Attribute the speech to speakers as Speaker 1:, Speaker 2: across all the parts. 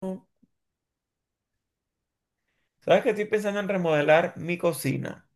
Speaker 1: Sabes que estoy pensando en remodelar mi cocina,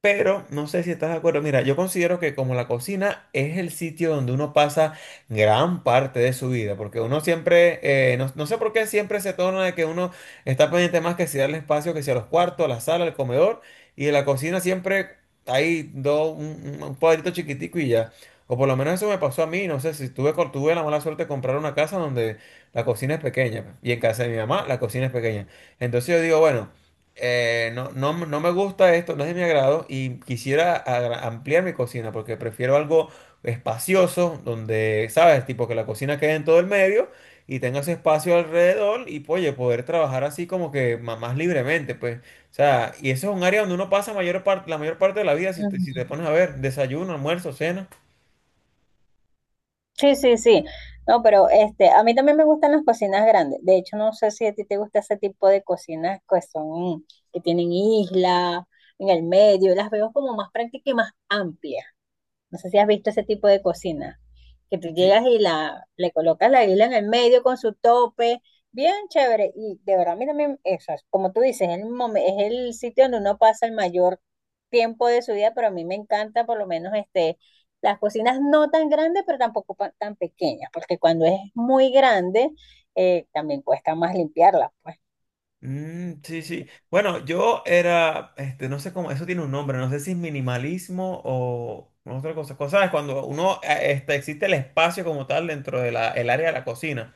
Speaker 1: pero no sé si estás de acuerdo. Mira, yo considero que como la cocina es el sitio donde uno pasa gran parte de su vida, porque uno siempre, no sé por qué siempre se torna de que uno está pendiente más que si darle espacio, que si a los cuartos, a la sala, al comedor, y en la cocina siempre hay dos, un cuadrito chiquitico y ya. O por lo menos eso me pasó a mí, no sé si tuve, tuve la mala suerte de comprar una casa donde la cocina es pequeña, y en casa de mi mamá la cocina es pequeña. Entonces yo digo, bueno. No me gusta esto, no es de mi agrado y quisiera ampliar mi cocina porque prefiero algo espacioso donde, ¿sabes? Tipo que la cocina quede en todo el medio y tenga su espacio alrededor y, oye, poder trabajar así como que más libremente, pues. O sea, y eso es un área donde uno pasa mayor parte, la mayor parte de la vida si te
Speaker 2: Ujú.
Speaker 1: pones a ver, desayuno, almuerzo, cena.
Speaker 2: Sí, sí, sí. No, pero este, a mí también me gustan las cocinas grandes. De hecho, no sé si a ti te gusta ese tipo de cocinas que tienen isla en el medio. Las veo como más prácticas y más amplias. No sé si has visto ese tipo de cocina, que tú llegas y le colocas la isla en el medio con su tope, bien chévere. Y de verdad, a mí también, eso es, como tú dices, es el sitio donde uno pasa el mayor tiempo de su día, pero a mí me encanta por lo menos este, las cocinas no tan grandes, pero tampoco tan pequeñas, porque cuando es muy grande, también cuesta más limpiarla, pues.
Speaker 1: Mm, sí, sí. Bueno, yo era, este, no sé cómo, eso tiene un nombre, no sé si es minimalismo o otra cosa. Cosa es cuando uno, este, existe el espacio como tal dentro de la, el área de la cocina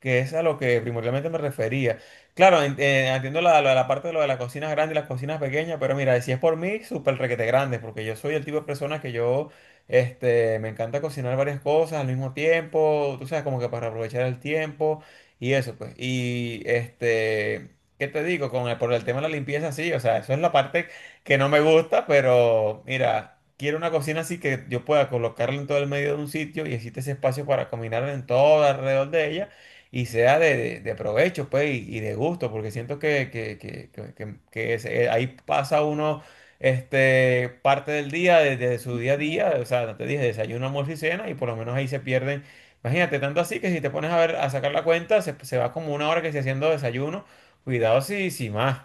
Speaker 1: que es a lo que primordialmente me refería. Claro, entiendo la parte de lo de las cocinas grandes y las cocinas pequeñas, pero mira, si es por mí, súper requete grande, porque yo soy el tipo de persona que yo, este, me encanta cocinar varias cosas al mismo tiempo, tú sabes, como que para aprovechar el tiempo y eso, pues. Y, este, ¿qué te digo? Con el, por el tema de la limpieza, sí, o sea, eso es la parte que no me gusta, pero mira. Quiero una cocina así que yo pueda colocarla en todo el medio de un sitio y existe ese espacio para caminar en todo alrededor de ella y sea de provecho, pues, y de gusto, porque siento ahí pasa uno este, parte del día, de su día a día,
Speaker 2: ¿No?
Speaker 1: o sea, no te dije, desayuno, almuerzo y cena, y por lo menos ahí se pierden. Imagínate, tanto así que si te pones a ver, a sacar la cuenta, se va como 1 hora que se haciendo desayuno, cuidado si, más.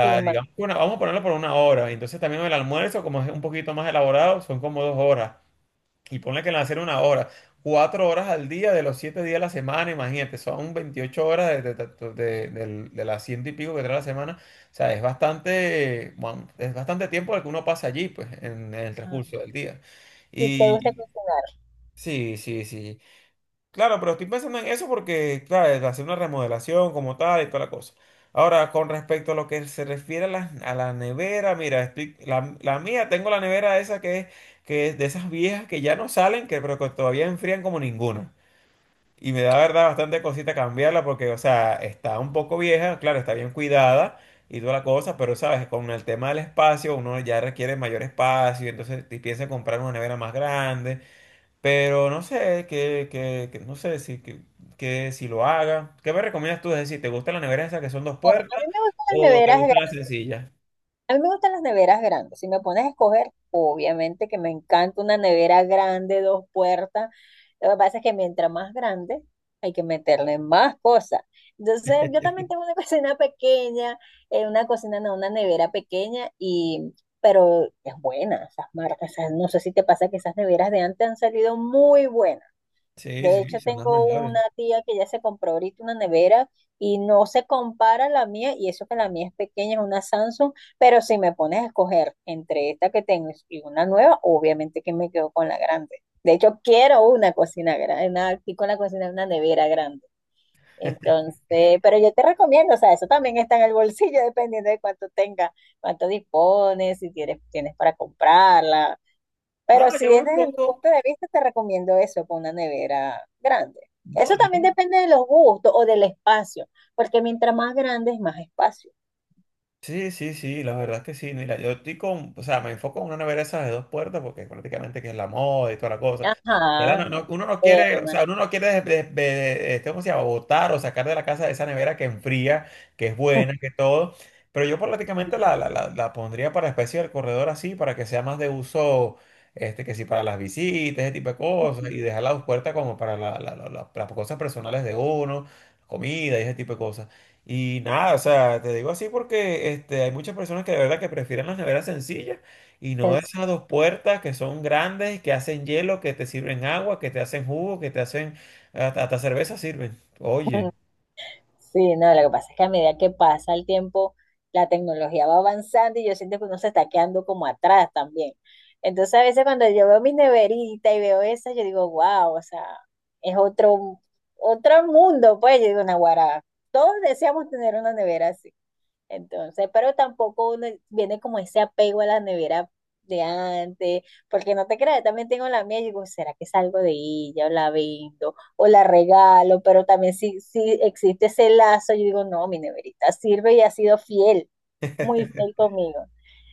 Speaker 2: Sí, ma-
Speaker 1: digamos que vamos a ponerlo por 1 hora. Entonces también el almuerzo, como es un poquito más elaborado, son como 2 horas. Y ponle que le hacer 1 hora, 4 horas al día de los 7 días de la semana, imagínate, son 28 horas de las ciento y pico que trae la semana. O sea, es bastante, bueno, es bastante tiempo el que uno pasa allí, pues, en el transcurso
Speaker 2: Ah,
Speaker 1: del día.
Speaker 2: ¿y te gusta
Speaker 1: Y
Speaker 2: cocinar?
Speaker 1: sí, sí, sí. Claro, pero estoy pensando en eso porque, claro, hacer una remodelación como tal y toda la cosa. Ahora, con respecto a lo que se refiere a la nevera, mira, la mía, tengo la nevera esa que es de esas viejas que ya no salen, que, pero que todavía enfrían como ninguna. Y me da, verdad, bastante cosita cambiarla porque, o sea, está un poco vieja, claro, está bien cuidada y toda la cosa, pero, sabes, con el tema del espacio, uno ya requiere mayor espacio, entonces te piensa en comprar una nevera más grande. Pero no sé, no sé si, que si lo haga. ¿Qué me recomiendas tú? Es decir, ¿te gustan las neveras esas que son dos
Speaker 2: A
Speaker 1: puertas
Speaker 2: mí me gustan las
Speaker 1: o te
Speaker 2: neveras
Speaker 1: gustan las sencillas?
Speaker 2: A mí me gustan las neveras grandes. Si me pones a escoger, obviamente que me encanta una nevera grande, dos puertas. Lo que pasa es que mientras más grande, hay que meterle más cosas. Entonces, yo también tengo una cocina pequeña, una cocina, no, una nevera pequeña, y, pero es buena esas marcas. No sé si te pasa que esas neveras de antes han salido muy buenas.
Speaker 1: Sí,
Speaker 2: De
Speaker 1: sí,
Speaker 2: hecho,
Speaker 1: son las
Speaker 2: tengo
Speaker 1: mejores.
Speaker 2: una tía que ya se compró ahorita una nevera y no se compara a la mía, y eso que la mía es pequeña, es una Samsung, pero si me pones a escoger entre esta que tengo y una nueva, obviamente que me quedo con la grande. De hecho, quiero una cocina grande, una, aquí con la cocina, una nevera grande. Entonces, pero yo te recomiendo, o sea, eso también está en el bolsillo, dependiendo de cuánto tenga, cuánto dispones, si tienes, tienes para comprarla.
Speaker 1: No,
Speaker 2: Pero si
Speaker 1: yo me
Speaker 2: es desde mi
Speaker 1: enfoco.
Speaker 2: punto de vista, te recomiendo eso, con una nevera grande.
Speaker 1: No.
Speaker 2: Eso también depende de los gustos o del espacio, porque mientras más grande es más espacio.
Speaker 1: Sí, sí, sí, la verdad es que sí. Mira, yo estoy con, o sea, me enfoco en una nevera esas de dos puertas porque prácticamente que es la moda y toda la cosa. Ya la
Speaker 2: Ajá, es
Speaker 1: uno no quiere, o sea, uno no quiere, este, ¿cómo se llama? Botar o sacar de la casa esa nevera que enfría, que es buena, que todo. Pero yo prácticamente la pondría para especie del corredor así, para que sea más de uso, este, que sí, para las visitas, ese tipo de cosas, y dejar las dos puertas como para las cosas personales de uno, comida y ese tipo de cosas. Y nada, o sea, te digo así porque este, hay muchas personas que de verdad que prefieren las neveras sencillas y no
Speaker 2: externa.
Speaker 1: esas dos puertas que son grandes, que hacen hielo, que te sirven agua, que te hacen jugo, que te hacen hasta cerveza sirven. Oye,
Speaker 2: Sí, no, lo que pasa es que a medida que pasa el tiempo, la tecnología va avanzando y yo siento que uno se está quedando como atrás también. Entonces, a veces cuando yo veo mi neverita y veo esa, yo digo, wow, o sea, es otro mundo, pues, yo digo, Naguará, todos deseamos tener una nevera así. Entonces, pero tampoco uno viene como ese apego a la nevera de antes, porque no te creas, también tengo la mía y digo, ¿será que salgo de ella o la vendo o la regalo? Pero también si existe ese lazo, yo digo, no, mi neverita sirve y ha sido fiel, muy fiel conmigo.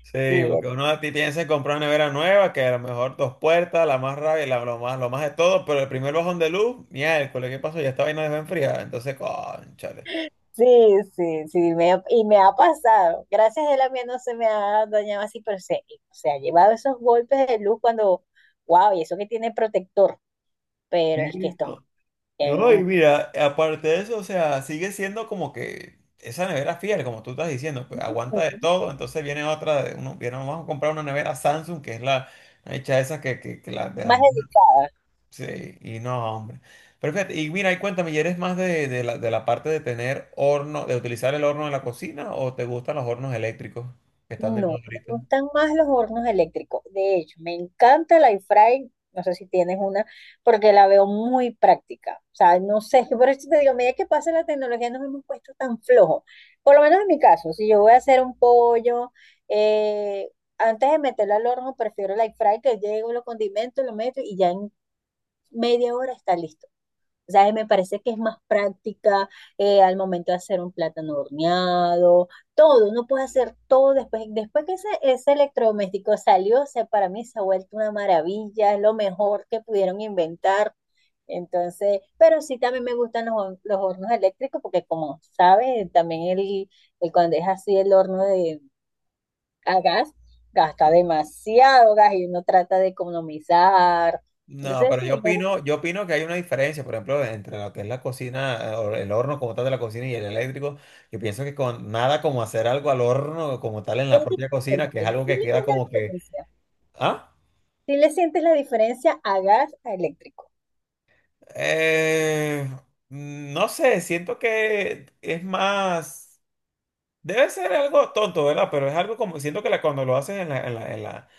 Speaker 1: sí,
Speaker 2: Sí,
Speaker 1: porque uno a ti piensa en comprar una nevera nueva, que a lo mejor dos puertas, la más rabia, la, lo más de todo, pero el primer bajón de luz, miércoles, ¿qué pasó? Ya esta vaina dejó enfriada. Entonces, cónchale.
Speaker 2: sí, sí, sí, y me ha pasado. Gracias a la mía no se me ha dañado así, pero se ha llevado esos golpes de luz cuando, wow, y eso que tiene protector,
Speaker 1: Sí,
Speaker 2: pero es que esto...
Speaker 1: no. No, y mira, aparte de eso, o sea, sigue siendo como que esa nevera fiel, como tú estás diciendo, pues,
Speaker 2: es
Speaker 1: aguanta de
Speaker 2: bien
Speaker 1: todo, entonces viene otra, de uno, viene, vamos a comprar una nevera Samsung, que es la hecha esa que la de
Speaker 2: más
Speaker 1: las...
Speaker 2: dedicadas.
Speaker 1: Sí, y no, hombre. Pero fíjate, y mira, y cuéntame, ¿y eres más de la parte de tener horno, de utilizar el horno en la cocina o te gustan los hornos eléctricos que están de
Speaker 2: No,
Speaker 1: moda
Speaker 2: me
Speaker 1: ahorita?
Speaker 2: gustan más los hornos eléctricos. De hecho, me encanta la air fry. No sé si tienes una, porque la veo muy práctica. O sea, no sé, por eso te digo, a medida que pasa la tecnología nos hemos puesto tan flojos. Por lo menos en mi caso, si yo voy a hacer un pollo, eh, antes de meterlo al horno, prefiero la air fry, que llego, lo condimento, lo meto y ya en media hora está listo. O sea, me parece que es más práctica al momento de hacer un plátano horneado, todo, uno puede hacer todo después que ese electrodoméstico salió, o sea, para mí se ha vuelto una maravilla, es lo mejor que pudieron inventar. Entonces, pero sí también me gustan los hornos eléctricos porque como sabes, también el cuando es así el horno de a gas, gasta demasiado gas y uno trata de economizar.
Speaker 1: No,
Speaker 2: Entonces,
Speaker 1: pero
Speaker 2: sí, me, gu-
Speaker 1: yo opino que hay una diferencia, por ejemplo, entre lo que es la cocina, o el horno como tal de la cocina y el eléctrico. Yo pienso que con nada como hacer algo al horno como tal en
Speaker 2: Es
Speaker 1: la propia cocina, que es
Speaker 2: diferente.
Speaker 1: algo
Speaker 2: Sí, le
Speaker 1: que
Speaker 2: ves
Speaker 1: queda
Speaker 2: la
Speaker 1: como que,
Speaker 2: diferencia.
Speaker 1: ah,
Speaker 2: Si le sientes la diferencia a gas a eléctrico.
Speaker 1: eh, no sé, siento que es más, debe ser algo tonto, ¿verdad? Pero es algo como, siento que cuando lo haces en la, en la, en la,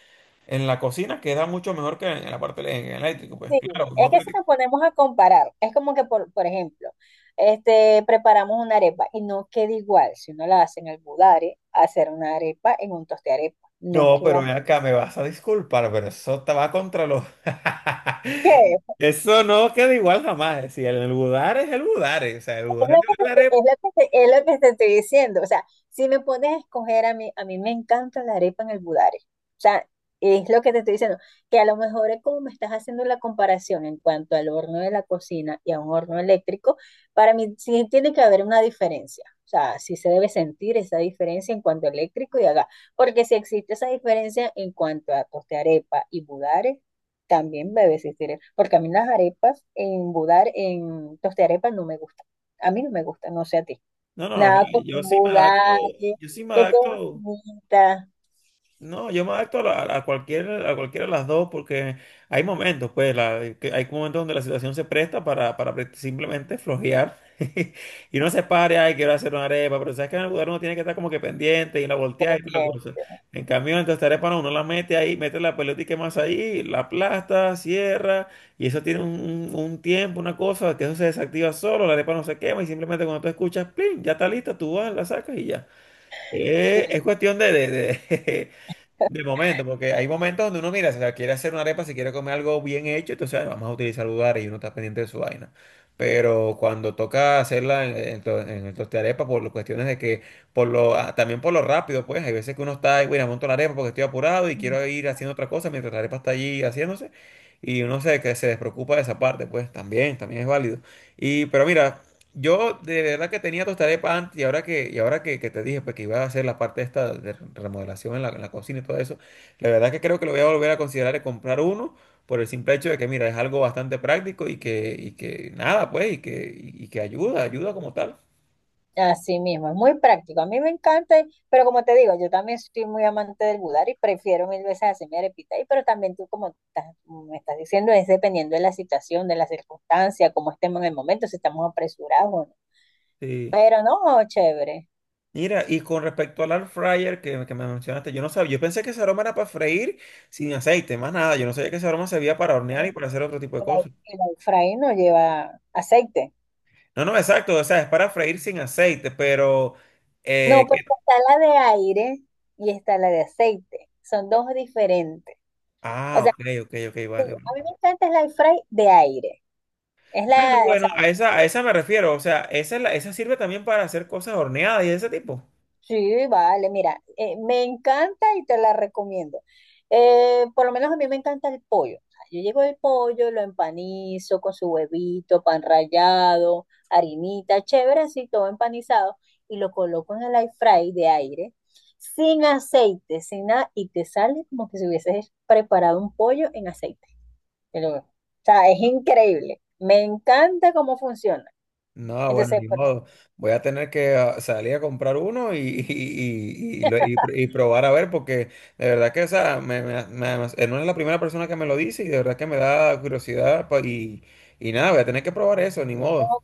Speaker 1: en la cocina queda mucho mejor que en la parte en el eléctrico, pues.
Speaker 2: Sí,
Speaker 1: Claro, no.
Speaker 2: es que si nos ponemos a comparar, es como que, por ejemplo, este, preparamos una arepa y no queda igual si uno la hace en almudare, hacer una arepa en un toste arepa. No
Speaker 1: No, pero
Speaker 2: queda.
Speaker 1: ven acá, me vas a disculpar, pero eso te va contra los...
Speaker 2: ¿Qué?
Speaker 1: Eso no queda igual jamás. Si el budar es el budar, o sea, el budar es el budar.
Speaker 2: Es lo que te estoy diciendo. O sea, si me pones a escoger, a mí me encanta la arepa en el budare. O sea, es lo que te estoy diciendo. Que a lo mejor es como me estás haciendo la comparación en cuanto al horno de la cocina y a un horno eléctrico, para mí sí tiene que haber una diferencia. O sea, sí se debe sentir esa diferencia en cuanto a eléctrico y a gas. Porque si existe esa diferencia en cuanto a torta de arepa y budare, también debe existir. Porque a mí las arepas en budar, en tostearepa no me gustan. A mí no me gusta, no sé a ti.
Speaker 1: No, no, o
Speaker 2: Nada
Speaker 1: sea,
Speaker 2: con un
Speaker 1: yo sí me adapto,
Speaker 2: budalle,
Speaker 1: yo sí me
Speaker 2: que queden
Speaker 1: adapto.
Speaker 2: finitas.
Speaker 1: No, yo me adapto a, a cualquiera de las dos porque hay momentos, pues, que hay momentos donde la situación se presta para, para simplemente flojear y uno se pare, ay, quiero hacer una arepa, pero sabes que en el lugar uno tiene que estar como que pendiente y la voltea y toda la
Speaker 2: Bien,
Speaker 1: cosa. En cambio, entonces esta arepa no, uno la mete ahí, mete la pelota más ahí, la aplasta, cierra y eso tiene un, un tiempo, una cosa, que eso se desactiva solo, la arepa no se quema y simplemente cuando tú escuchas, plin, ya está lista, tú vas, la sacas y ya.
Speaker 2: sí.
Speaker 1: Es cuestión de De momento, porque hay momentos donde uno mira, si la quiere hacer una arepa, si quiere comer algo bien hecho, entonces "Ay, vamos a utilizar lugares y uno está pendiente de su vaina. Pero cuando toca hacerla en, en el tostarepa, por las cuestiones de que, también por lo rápido, pues, hay veces que uno está, "Ay, mira, monto la arepa porque estoy apurado y
Speaker 2: Mm.
Speaker 1: quiero ir haciendo otra cosa mientras la arepa está allí haciéndose, y uno se, que se despreocupa de esa parte, pues, también, también es válido. Y, pero mira, yo de verdad que tenía tostada de pan y ahora que, que te dije pues, que iba a hacer la parte esta de remodelación en la cocina y todo eso, la verdad que creo que lo voy a volver a considerar de comprar uno por el simple hecho de que, mira, es algo bastante práctico y que nada, pues, y que ayuda, ayuda como tal.
Speaker 2: Así mismo, es muy práctico. A mí me encanta, pero como te digo, yo también soy muy amante del budar y prefiero mil veces hacer mi arepita. Y pero también tú, como me estás diciendo, es dependiendo de la situación, de la circunstancia, cómo estemos en el momento, si estamos apresurados o no.
Speaker 1: Sí.
Speaker 2: Pero no, chévere.
Speaker 1: Mira, y con respecto al air fryer que me mencionaste, yo no sabía, yo pensé que ese aroma era para freír sin aceite, más nada, yo no sabía que ese aroma servía para hornear
Speaker 2: ¿No?
Speaker 1: y para hacer otro tipo de
Speaker 2: El,
Speaker 1: cosas.
Speaker 2: el air fry no lleva aceite.
Speaker 1: No, no, exacto, o sea, es para freír sin aceite, pero... eh,
Speaker 2: No, porque está la de aire y está la de aceite. Son dos diferentes. O
Speaker 1: Ah,
Speaker 2: sea,
Speaker 1: ok, ok, ok,
Speaker 2: sí,
Speaker 1: vale.
Speaker 2: a
Speaker 1: Vale.
Speaker 2: mí me encanta el air fry de aire. Es
Speaker 1: Bueno,
Speaker 2: la,
Speaker 1: bueno, a esa me refiero. O sea, esa, esa sirve también para hacer cosas horneadas y de ese tipo.
Speaker 2: Sí, vale, mira, me encanta y te la recomiendo. Por lo menos a mí me encanta el pollo. O sea, yo llego el pollo, lo empanizo con su huevito, pan rallado, harinita, chévere, así todo empanizado, y lo coloco en el air fry de aire, sin aceite, sin nada, y te sale como que si hubieses preparado un pollo en aceite. O sea, es increíble. Me encanta cómo funciona.
Speaker 1: No, bueno,
Speaker 2: Entonces,
Speaker 1: ni modo. Voy a tener que salir a comprar uno y, y probar a ver, porque de verdad que, o sea, no es la primera persona que me lo dice y de verdad que me da curiosidad. Y nada, voy a tener que probar eso, ni
Speaker 2: pues,
Speaker 1: modo.